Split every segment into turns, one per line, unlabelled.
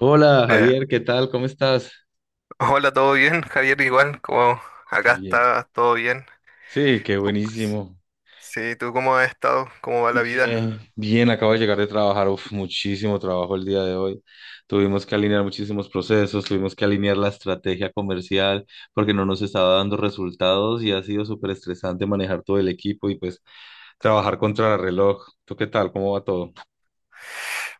Hola
Eh,
Javier, ¿qué tal? ¿Cómo estás?
Hola, ¿todo bien? Javier, igual, como acá
Bien.
está todo bien.
Sí, qué
Tú-
buenísimo.
sí, ¿tú cómo has estado? ¿Cómo va la vida?
Bien, bien, acabo de llegar de trabajar, uf, muchísimo trabajo el día de hoy. Tuvimos que alinear muchísimos procesos, tuvimos que alinear la estrategia comercial porque no nos estaba dando resultados y ha sido súper estresante manejar todo el equipo y pues trabajar contra el reloj. ¿Tú qué tal? ¿Cómo va todo?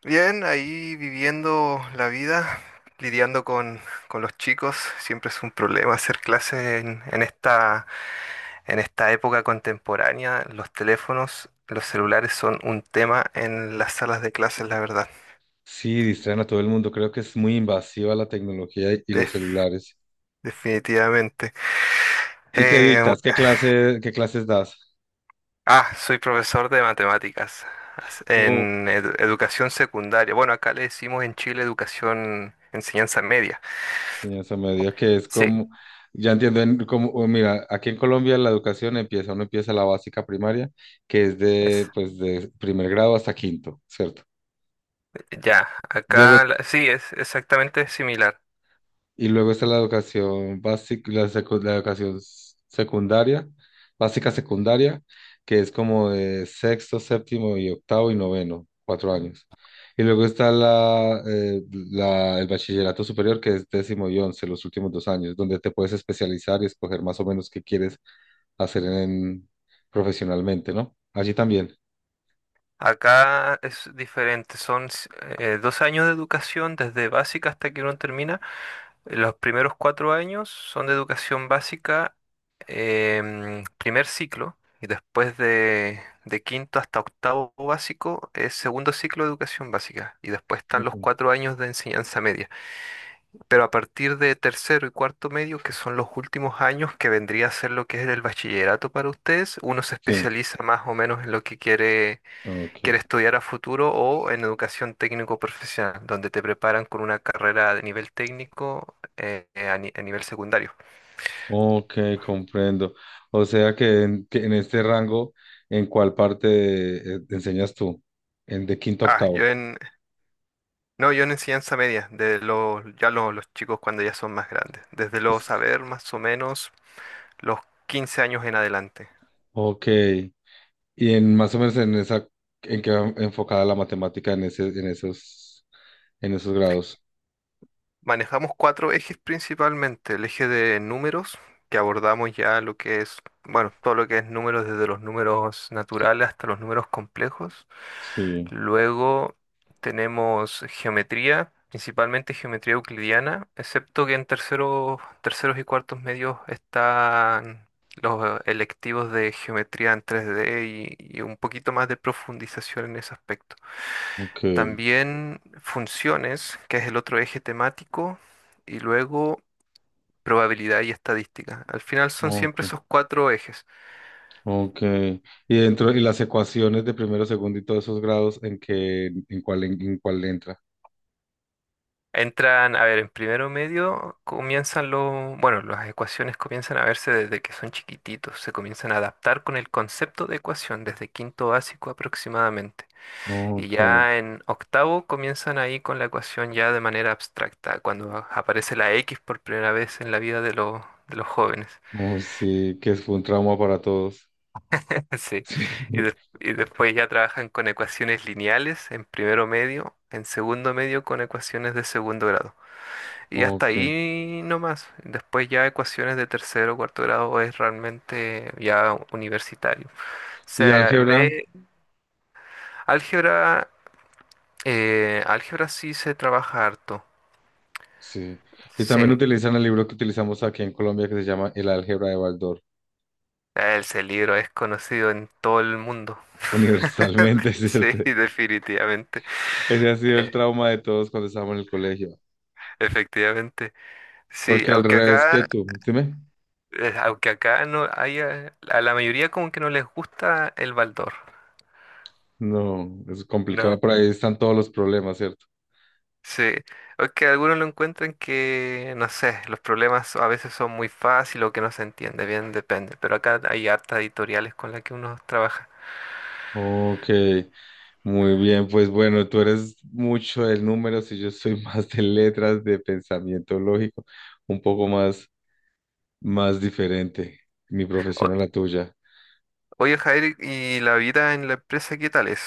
Bien, ahí viviendo la vida, lidiando con, con los chicos. Siempre es un problema hacer clases en esta época contemporánea. Los teléfonos, los celulares son un tema en las salas de clases, la verdad.
Sí, distraen a todo el mundo. Creo que es muy invasiva la tecnología y los
Def-
celulares.
Definitivamente.
¿Y qué
Eh,
dictas? ¿ qué clases das?
Soy profesor de matemáticas en educación secundaria. Bueno, acá le decimos en Chile educación, enseñanza media.
Enseñanza media, que es
Sí,
como, ya entiendo, como, o mira, aquí en Colombia la educación empieza, uno empieza la básica primaria, que es de,
es,
pues, de primer grado hasta quinto, ¿cierto? Luego,
sí, es exactamente similar.
y luego está la educación básica, la educación secundaria, básica secundaria, que es como de sexto, séptimo y octavo y noveno, 4 años. Y luego está el bachillerato superior, que es décimo y once, los últimos 2 años, donde te puedes especializar y escoger más o menos qué quieres hacer en, profesionalmente, ¿no? Allí también.
Acá es diferente, son dos años de educación desde básica hasta que uno termina. Los primeros cuatro años son de educación básica, primer ciclo, y de quinto hasta octavo básico es segundo ciclo de educación básica, y después están
Ok.
los cuatro años de enseñanza media. Pero a partir de tercero y cuarto medio, que son los últimos años que vendría a ser lo que es el bachillerato para ustedes, uno se
Sí,
especializa más o menos en lo que quieres
ok.
estudiar a futuro o en educación técnico-profesional, donde te preparan con una carrera de nivel técnico a, ni- a nivel secundario.
Ok, comprendo. O sea que en este rango, ¿en cuál parte enseñas tú? En de quinto a
Ah, yo
octavo.
en, no, Yo en enseñanza media, de los chicos cuando ya son más grandes, desde los
Pues,
saber más o menos los 15 años en adelante.
ok. Y en más o menos en esa, ¿en qué va enfocada la matemática en esos grados?
Manejamos cuatro ejes principalmente, el eje de números, que abordamos bueno, todo lo que es números, desde los números naturales hasta los números complejos.
Sí,
Luego tenemos geometría, principalmente geometría euclidiana, excepto que en terceros y cuartos medios están los electivos de geometría en 3D y un poquito más de profundización en ese aspecto.
ok,
También funciones, que es el otro eje temático, y luego probabilidad y estadística. Al final son siempre
ok,
esos cuatro ejes.
ok. Y dentro, y las ecuaciones de primero, segundo y todos esos grados, ¿en qué, en cuál entra?
Entran, a ver, en primero medio comienzan bueno, las ecuaciones comienzan a verse desde que son chiquititos, se comienzan a adaptar con el concepto de ecuación desde quinto básico aproximadamente. Y
Ok,
ya en octavo comienzan ahí con la ecuación ya de manera abstracta, cuando aparece la X por primera vez en la vida de los jóvenes.
oh, sí, que fue un trauma para todos.
Sí.
Sí,
Y, y después ya trabajan con ecuaciones lineales en primero medio, en segundo medio con ecuaciones de segundo grado. Y hasta
ok.
ahí nomás. Después ya ecuaciones de tercero o cuarto grado es realmente ya universitario. Se
¿Y álgebra?
ve álgebra, álgebra sí se trabaja harto.
Sí. Y
Sí.
también utilizan el libro que utilizamos aquí en Colombia que se llama El álgebra de Baldor.
Ese libro es conocido en todo el mundo.
Universalmente,
Sí,
¿cierto?
definitivamente.
Ese ha sido el
Eh,
trauma de todos cuando estábamos en el colegio.
Efectivamente. Sí,
Porque al
aunque
revés
acá,
que tú, dime.
eh, aunque acá no haya, a la mayoría como que no les gusta el Baldor.
No, es
No.
complicado, por ahí están todos los problemas, ¿cierto?
Sí, o que algunos lo encuentran que, no sé, los problemas a veces son muy fáciles o que no se entiende, bien depende, pero acá hay hartas editoriales con las que uno trabaja.
Ok, muy bien, pues bueno, tú eres mucho de números y yo soy más de letras, de pensamiento lógico, un poco más. Más diferente, mi profesión
O-
a la tuya.
Oye, Jair, ¿y la vida en la empresa qué tal es?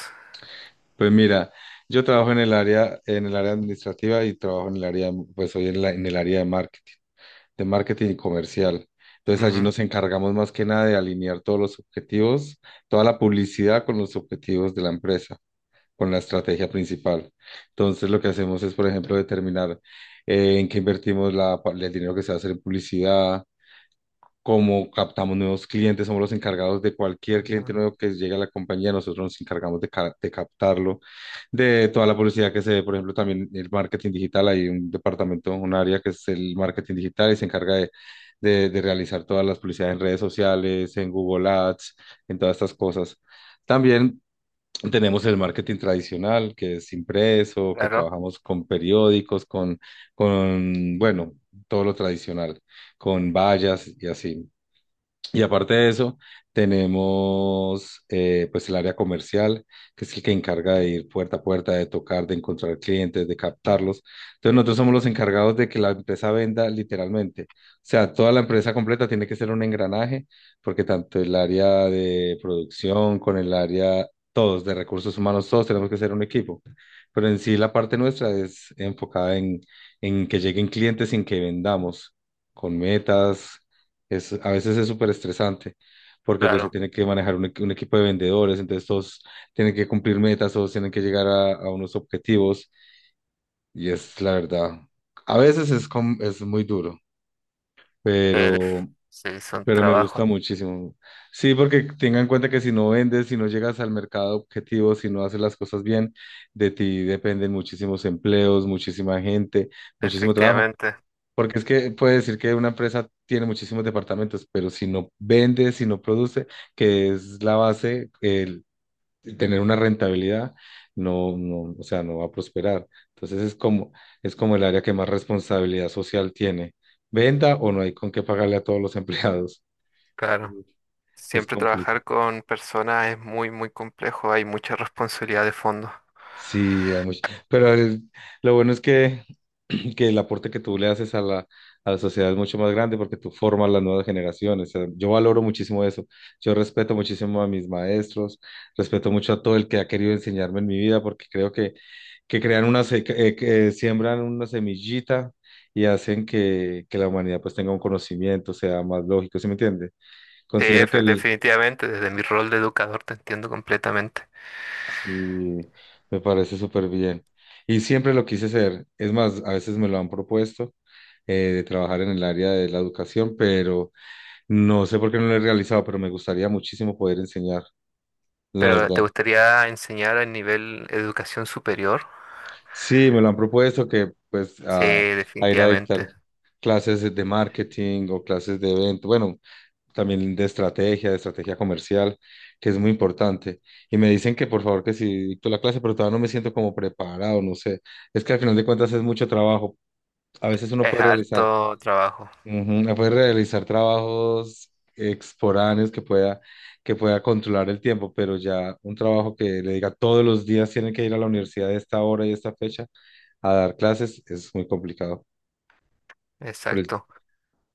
Pues mira, yo trabajo en el área administrativa y trabajo en el área, en el área de marketing, y comercial. Entonces allí
Ujú.
nos encargamos más que nada de alinear todos los objetivos, toda la publicidad con los objetivos de la empresa, con la estrategia principal. Entonces lo que hacemos es, por ejemplo, determinar en qué invertimos el dinero que se va a hacer en publicidad. Como captamos nuevos clientes, somos los encargados de
Ah,
cualquier cliente nuevo que llegue a la compañía, nosotros nos encargamos de captarlo, de toda la publicidad que se ve, por ejemplo, también el marketing digital, hay un departamento, un área que es el marketing digital y se encarga de realizar todas las publicidades en redes sociales, en Google Ads, en todas estas cosas. También tenemos el marketing tradicional, que es impreso, que
claro,
trabajamos con periódicos, bueno, todo lo tradicional, con vallas y así. Y aparte de eso, tenemos pues el área comercial, que es el que encarga de ir puerta a puerta, de tocar, de encontrar clientes, de captarlos. Entonces nosotros somos los encargados de que la empresa venda literalmente. O sea, toda la empresa completa tiene que ser un engranaje, porque tanto el área de producción con el área, todos de recursos humanos, todos tenemos que ser un equipo. Pero en sí la parte nuestra es enfocada en que lleguen clientes sin que vendamos, con metas es, a veces es súper estresante porque pues se
claro.
tiene que manejar un equipo de vendedores, entonces todos tienen que cumplir metas, todos tienen que llegar a unos objetivos y es la verdad. A veces es, es muy duro, pero,
Sí, son
pero me
trabajos,
gusta muchísimo. Sí, porque tenga en cuenta que si no vendes, si no llegas al mercado objetivo, si no haces las cosas bien, de ti dependen muchísimos empleos, muchísima gente, muchísimo trabajo.
efectivamente,
Porque es que puede decir que una empresa tiene muchísimos departamentos, pero si no vende, si no produce, que es la base, el tener una rentabilidad, no, no, o sea, no va a prosperar. Entonces es como el área que más responsabilidad social tiene. Venda o no hay con qué pagarle a todos los empleados.
claro.
Es
Siempre
complicado.
trabajar con personas es muy, muy complejo, hay mucha responsabilidad de fondo.
Sí, hay mucho. Pero el- lo bueno es que, que el aporte que tú le haces a la sociedad es mucho más grande porque tú formas las nuevas generaciones. O sea, yo valoro muchísimo eso. Yo respeto muchísimo a mis maestros, respeto mucho a todo el que ha querido enseñarme en mi vida porque creo que crean una, que siembran una semillita y hacen que la humanidad pues tenga un conocimiento, sea más lógico, ¿sí me entiende?
Sí,
Considero que el
definitivamente, desde mi rol de educador te entiendo completamente.
sí, me parece súper bien. Y siempre lo quise hacer. Es más, a veces me lo han propuesto de trabajar en el área de la educación, pero no sé por qué no lo he realizado, pero me gustaría muchísimo poder enseñar, la
Pero ¿te
verdad.
gustaría enseñar a nivel educación superior?
Sí, me lo han propuesto que pues
Sí,
a ir a dictar
definitivamente.
clases de marketing o clases de evento, bueno, también de estrategia comercial, que es muy importante. Y me dicen que por favor que si dicto la clase, pero todavía no me siento como preparado, no sé. Es que al final de cuentas es mucho trabajo. A veces uno
Es
puede realizar,
harto trabajo.
ujú, puede realizar trabajos exporáneos que pueda controlar el tiempo, pero ya un trabajo que le diga todos los días tienen que ir a la universidad a esta hora y esta fecha a dar clases es muy complicado. por el
Exacto.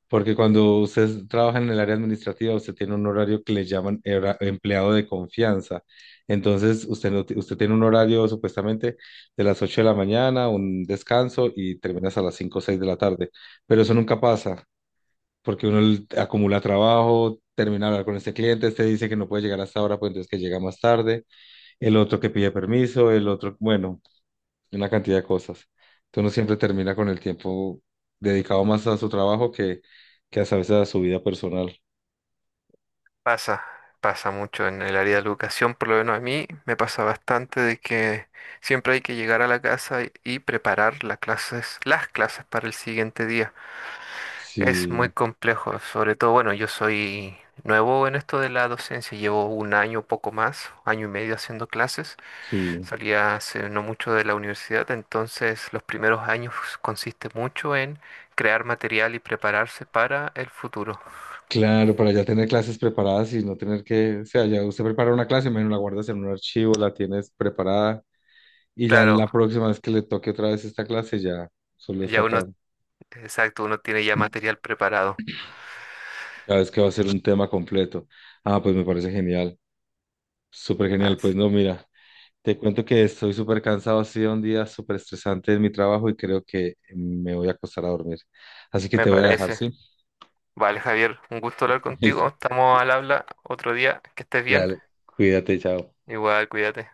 Porque cuando usted trabaja en el área administrativa, usted tiene un horario que le llaman empleado de confianza. Entonces, usted, no ti- usted tiene un horario supuestamente de las 8 de la mañana, un descanso y terminas a las 5 o 6 de la tarde. Pero eso nunca pasa, porque acumula trabajo, termina de hablar con este cliente, este dice que no puede llegar hasta ahora, pues entonces que llega más tarde, el otro que pide permiso, el otro, bueno, una cantidad de cosas. Entonces uno siempre termina con el tiempo dedicado más a su trabajo que a veces a su vida personal.
Pasa, pasa mucho en el área de la educación, por lo menos a mí me pasa bastante de que siempre hay que llegar a la casa y preparar las clases para el siguiente día. Es muy
Sí,
complejo, sobre todo, bueno, yo soy nuevo en esto de la docencia, llevo un año, poco más, año y medio haciendo clases.
sí.
Salía hace no mucho de la universidad, entonces los primeros años consiste mucho en crear material y prepararse para el futuro.
Claro, para ya tener clases preparadas y no tener que, o sea, ya usted prepara una clase, imagino la guardas en un archivo, la tienes preparada y ya en
Claro,
la próxima vez que le toque otra vez esta clase ya solo está
ya
acá,
uno, exacto, uno tiene ya material preparado.
cada vez que va a ser un tema completo. Ah, pues me parece genial, súper genial, pues
Así-
no, mira. Te cuento que estoy súper cansado, ha sido un día súper estresante en mi trabajo y creo que me voy a acostar a dormir. Así que
Me
te voy a dejar,
parece.
¿sí?
Vale, Javier, un gusto hablar contigo.
Listo.
Estamos al habla otro día. Que estés bien.
Dale, cuídate, chao.
Igual, cuídate.